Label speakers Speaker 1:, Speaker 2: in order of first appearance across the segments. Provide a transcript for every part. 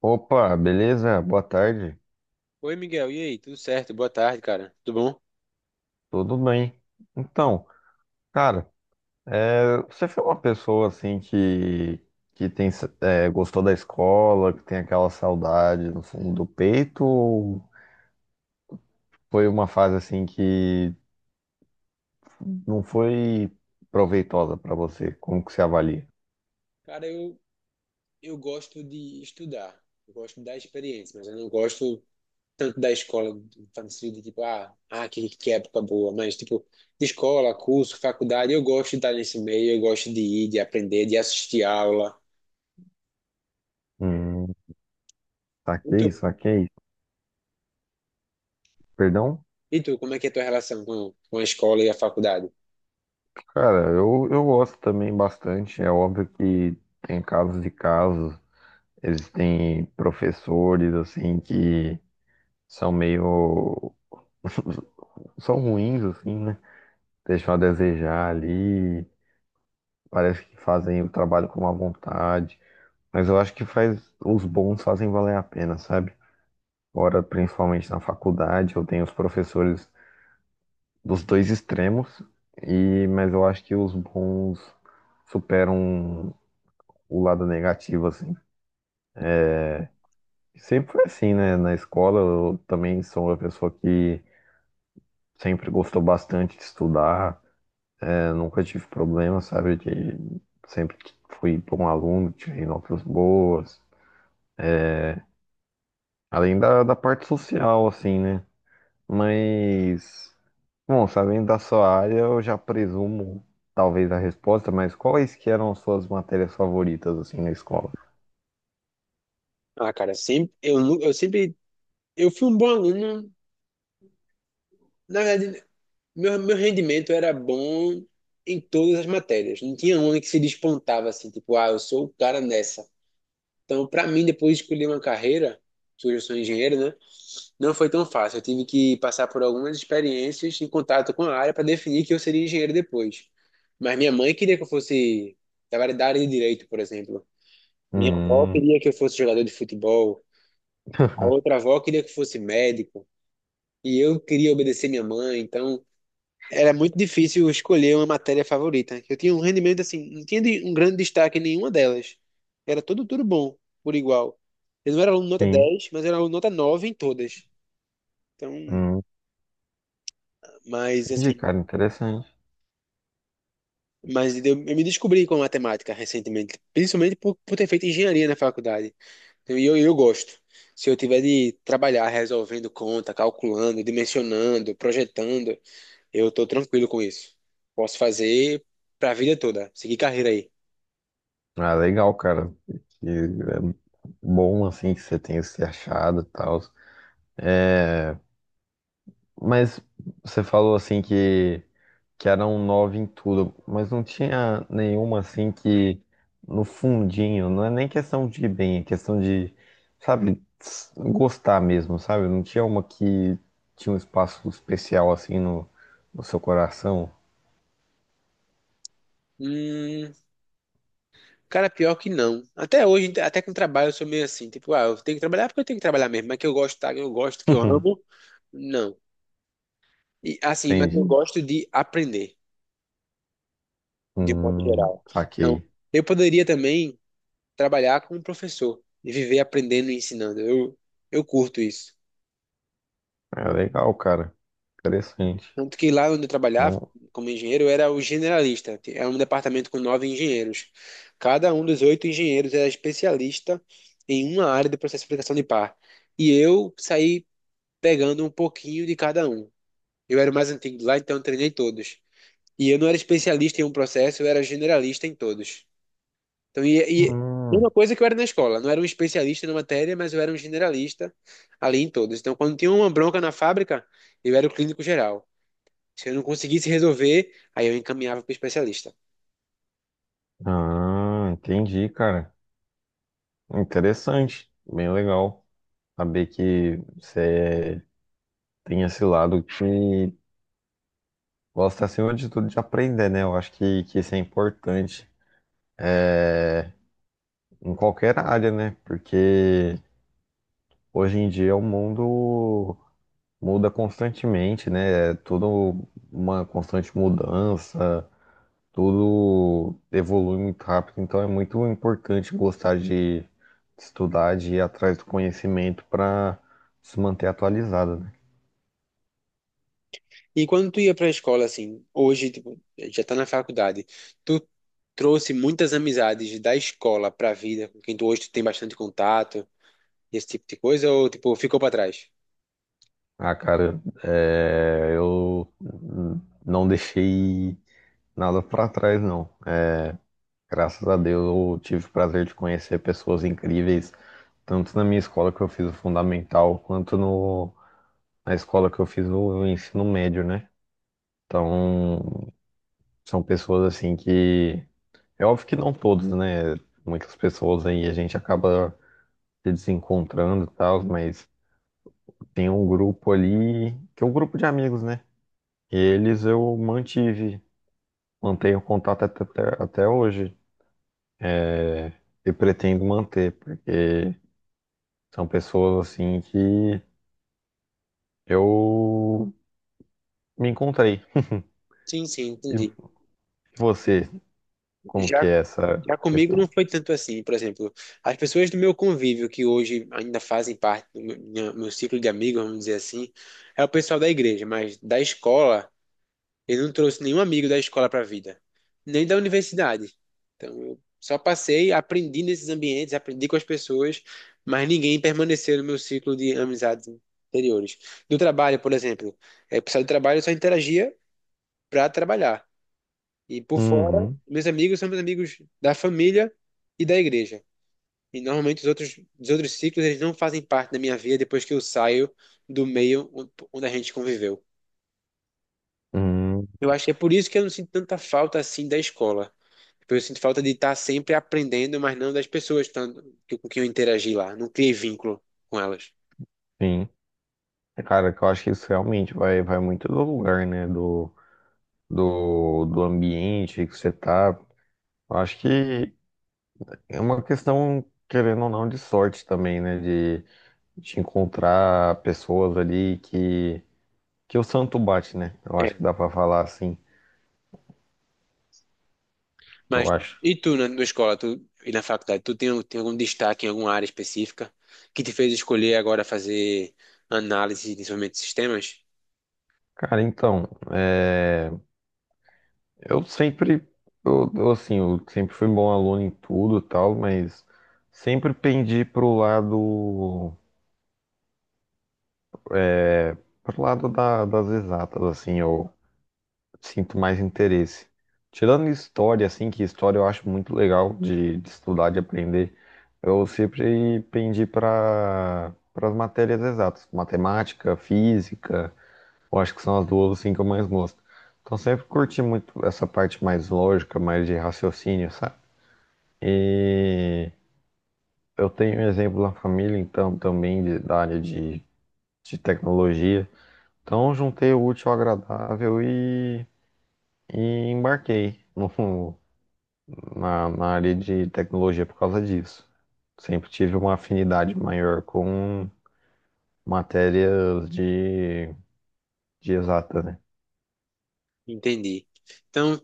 Speaker 1: Opa, beleza? Boa tarde.
Speaker 2: Oi, Miguel. E aí? Tudo certo? Boa tarde, cara. Tudo bom?
Speaker 1: Tudo bem? Então, cara, você foi uma pessoa assim que gostou da escola, que tem aquela saudade no fundo do peito, ou foi uma fase assim que não foi proveitosa pra você? Como que você avalia?
Speaker 2: Cara, eu gosto de estudar. Eu gosto da experiência, mas eu não gosto tanto da escola, no sentido de tipo, que época boa. Mas, tipo, de escola, curso, faculdade, eu gosto de estar nesse meio, eu gosto de ir, de aprender, de assistir aula.
Speaker 1: Hum,
Speaker 2: E tu?
Speaker 1: saquei. Perdão?
Speaker 2: E tu, como é que é a tua relação com a escola e a faculdade?
Speaker 1: Cara, eu gosto também bastante. É óbvio que tem casos e casos. Existem professores assim que são meio. São ruins, assim, né? Deixam a desejar ali, parece que fazem o trabalho com má vontade, mas eu acho que faz os bons fazem valer a pena, sabe? Ora, principalmente na faculdade, eu tenho os professores dos dois extremos, mas eu acho que os bons superam o lado negativo, assim. Sempre foi assim, né? Na escola, eu também sou uma pessoa que sempre gostou bastante de estudar. Eu nunca tive problema, sabe? Sempre fui bom aluno, tirei notas boas. Além da parte social, assim, né? Mas, bom, sabendo da sua área, eu já presumo talvez a resposta, mas quais que eram as suas matérias favoritas, assim, na escola?
Speaker 2: Ah, cara, sempre, eu, nu- eu sempre, eu fui um bom aluno, na verdade. Meu rendimento era bom em todas as matérias. Não tinha uma que se despontava assim, tipo, ah, eu sou o cara nessa. Então, para mim, depois de escolher uma carreira, que hoje eu sou engenheiro, né? Não foi tão fácil. Eu tive que passar por algumas experiências em contato com a área para definir que eu seria engenheiro depois. Mas minha mãe queria que eu fosse da área de direito, por exemplo. Minha avó
Speaker 1: Hum.
Speaker 2: queria que eu fosse jogador de futebol. A outra avó queria que eu fosse médico. E eu queria obedecer minha mãe, então era muito difícil escolher uma matéria favorita. Eu tinha um rendimento assim, não tinha um grande destaque em nenhuma delas. Era tudo bom, por igual. Eu não era aluno nota
Speaker 1: Sim.
Speaker 2: 10, mas era aluno nota 9 em todas. Então,
Speaker 1: Hum,
Speaker 2: mas
Speaker 1: entendi,
Speaker 2: assim,
Speaker 1: cara, interessante.
Speaker 2: mas eu me descobri com matemática recentemente, principalmente por ter feito engenharia na faculdade. Então, e eu gosto. Se eu tiver de trabalhar resolvendo conta, calculando, dimensionando, projetando, eu tô tranquilo com isso. Posso fazer pra vida toda, seguir carreira aí.
Speaker 1: Ah, legal, cara. Que é bom, assim, que você tenha se achado e tal. Mas você falou assim que era um nove em tudo, mas não tinha nenhuma assim que no fundinho, não é nem questão de ir bem, é questão de, sabe, gostar mesmo, sabe? Não tinha uma que tinha um espaço especial assim no seu coração.
Speaker 2: Hum, cara, pior que não. Até hoje, até com trabalho, eu sou meio assim, tipo, ah, eu tenho que trabalhar porque eu tenho que trabalhar mesmo, mas que eu gosto, tá? Eu gosto, que eu amo, não. E assim, mas eu
Speaker 1: Entendi.
Speaker 2: gosto de aprender, de um modo geral. Então,
Speaker 1: Saquei.
Speaker 2: eu poderia também trabalhar como professor e viver aprendendo e ensinando. Eu curto isso.
Speaker 1: É legal, cara. Interessante.
Speaker 2: Tanto que lá onde eu trabalhava,
Speaker 1: Não.
Speaker 2: como engenheiro, eu era o generalista. É um departamento com nove engenheiros. Cada um dos oito engenheiros era especialista em uma área do processo de aplicação de par. E eu saí pegando um pouquinho de cada um. Eu era o mais antigo lá, então eu treinei todos. E eu não era especialista em um processo, eu era generalista em todos. Então, e
Speaker 1: Hum.
Speaker 2: mesma coisa que eu era na escola. Não era um especialista na matéria, mas eu era um generalista ali em todos. Então, quando tinha uma bronca na fábrica, eu era o clínico geral. Se eu não conseguisse resolver, aí eu encaminhava para o especialista.
Speaker 1: Ah, entendi, cara. Interessante. Bem legal. Saber que você tem esse lado que gosta, acima de tudo, de aprender, né? Eu acho que isso é importante em qualquer área, né? Porque hoje em dia o mundo muda constantemente, né? É tudo uma constante mudança, tudo evolui muito rápido. Então é muito importante gostar de estudar, de ir atrás do conhecimento para se manter atualizado, né?
Speaker 2: E quando tu ia para a escola, assim, hoje, tipo, já tá na faculdade, tu trouxe muitas amizades da escola para a vida, com quem tu hoje tu tem bastante contato, esse tipo de coisa, ou, tipo, ficou para trás?
Speaker 1: Ah, cara, é, eu não deixei nada pra trás, não. É, graças a Deus eu tive o prazer de conhecer pessoas incríveis, tanto na minha escola que eu fiz o fundamental, quanto no, na escola que eu fiz o ensino médio, né? Então, são pessoas assim que. É óbvio que não todos, né? Muitas pessoas aí a gente acaba se desencontrando e tal, mas tem um grupo ali, que é um grupo de amigos, né? Eles eu mantive. Mantenho contato até hoje. É, e pretendo manter, porque são pessoas assim que eu me encontrei.
Speaker 2: Sim, sim,
Speaker 1: E
Speaker 2: entendi.
Speaker 1: você, como
Speaker 2: Já,
Speaker 1: que é essa
Speaker 2: já comigo
Speaker 1: questão?
Speaker 2: não foi tanto assim, por exemplo, as pessoas do meu convívio que hoje ainda fazem parte do meu ciclo de amigos, vamos dizer assim, é o pessoal da igreja. Mas da escola, ele não trouxe nenhum amigo da escola para a vida, nem da universidade. Então, eu só passei, aprendi nesses ambientes, aprendi com as pessoas, mas ninguém permaneceu no meu ciclo de amizades anteriores. Do trabalho, por exemplo, é, o pessoal do trabalho eu só interagia para trabalhar. E por fora,
Speaker 1: Uhum,
Speaker 2: meus amigos são meus amigos da família e da igreja. E normalmente os outros ciclos eles não fazem parte da minha vida depois que eu saio do meio onde a gente conviveu.
Speaker 1: uhum,
Speaker 2: Eu acho que é por isso que eu não sinto tanta falta assim da escola. Tipo, eu sinto falta de estar sempre aprendendo, mas não das pessoas tanto, com quem eu interagi lá. Não criei vínculo com elas.
Speaker 1: sim. É, cara, que eu acho que isso realmente vai muito do lugar, né? Do ambiente que você tá. Eu acho que é uma questão, querendo ou não, de sorte também, né? De, te encontrar pessoas ali que. Que o santo bate, né? Eu acho
Speaker 2: É.
Speaker 1: que dá pra falar assim, eu
Speaker 2: Mas
Speaker 1: acho.
Speaker 2: e tu na escola, tu e na faculdade, tu tem algum destaque em alguma área específica que te fez escolher agora fazer análise de desenvolvimento de sistemas?
Speaker 1: Cara, então, é, eu sempre, eu, assim, eu sempre fui bom aluno em tudo e tal, mas sempre pendi pro lado das exatas, assim, eu sinto mais interesse. Tirando história, assim, que história eu acho muito legal de estudar, de aprender, eu sempre pendi para as matérias exatas, matemática, física. Eu acho que são as duas assim que eu mais gosto. Então sempre curti muito essa parte mais lógica, mais de raciocínio, sabe? E eu tenho um exemplo na família, então, também da área de tecnologia. Então juntei o útil ao agradável e embarquei na área de tecnologia por causa disso. Sempre tive uma afinidade maior com matérias de exata, né?
Speaker 2: Entendi. Então,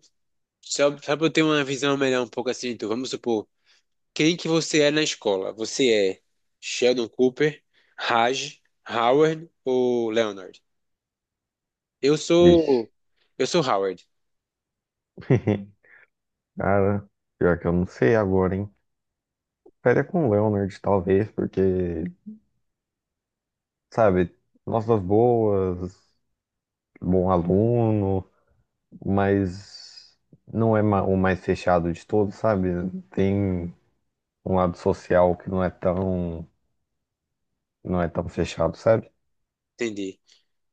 Speaker 2: só para eu ter uma visão melhor um pouco assim, tu, vamos supor, quem que você é na escola? Você é Sheldon Cooper, Raj, Howard ou Leonard? Eu
Speaker 1: Vixe.
Speaker 2: sou eu sou Howard.
Speaker 1: Cara, pior que eu não sei agora, hein? Ficaria com o Leonard, talvez, porque, sabe, notas boas, bom aluno, mas não é o mais fechado de todos, sabe? Tem um lado social que não é tão fechado, sabe?
Speaker 2: Entendi.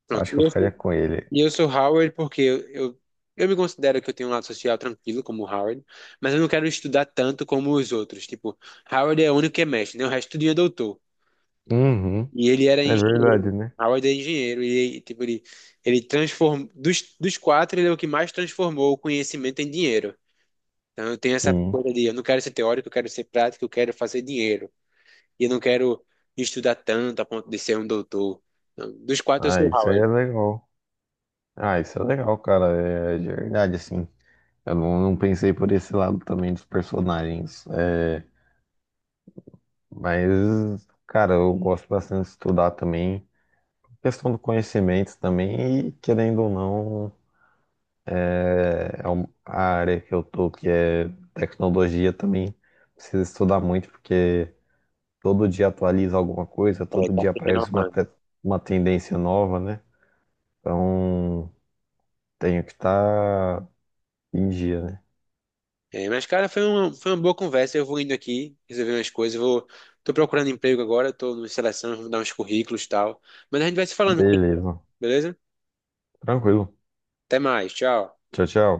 Speaker 2: Pronto.
Speaker 1: Acho que
Speaker 2: E
Speaker 1: eu
Speaker 2: eu
Speaker 1: ficaria
Speaker 2: sou,
Speaker 1: com ele.
Speaker 2: e eu sou Howard porque eu me considero que eu tenho um lado social tranquilo, como o Howard, mas eu não quero estudar tanto como os outros. Tipo, Howard é o único que é mestre, né? O resto tudo é doutor.
Speaker 1: Uhum,
Speaker 2: E ele era
Speaker 1: é verdade,
Speaker 2: engenheiro.
Speaker 1: né?
Speaker 2: Howard é engenheiro. E, tipo, ele transformou. Dos quatro, ele é o que mais transformou o conhecimento em dinheiro. Então, eu tenho essa
Speaker 1: Sim.
Speaker 2: coisa de eu não quero ser teórico, eu quero ser prático, eu quero fazer dinheiro. E eu não quero estudar tanto a ponto de ser um doutor. Não, dos quatro, eu
Speaker 1: Ah,
Speaker 2: sou o
Speaker 1: isso aí
Speaker 2: Howard.
Speaker 1: é legal. Ah, isso é legal, cara. É é de verdade, assim. Eu não, não pensei por esse lado também dos personagens. É, mas, cara, eu gosto bastante de estudar também. Questão do conhecimento também, e querendo ou não, é a área que eu tô, que é tecnologia também, precisa estudar muito, porque todo dia atualiza alguma coisa,
Speaker 2: É,
Speaker 1: todo
Speaker 2: tá
Speaker 1: dia
Speaker 2: se
Speaker 1: aparece uma,
Speaker 2: renovando.
Speaker 1: uma tendência nova, né? Então, tenho que estar em dia, né?
Speaker 2: É, mas, cara, foi uma boa conversa. Eu vou indo aqui, resolver umas coisas. Tô procurando emprego agora, tô numa seleção, vou dar uns currículos e tal. Mas a gente vai se falando,
Speaker 1: Beleza.
Speaker 2: beleza?
Speaker 1: Tranquilo.
Speaker 2: Até mais, tchau.
Speaker 1: Tchau, tchau.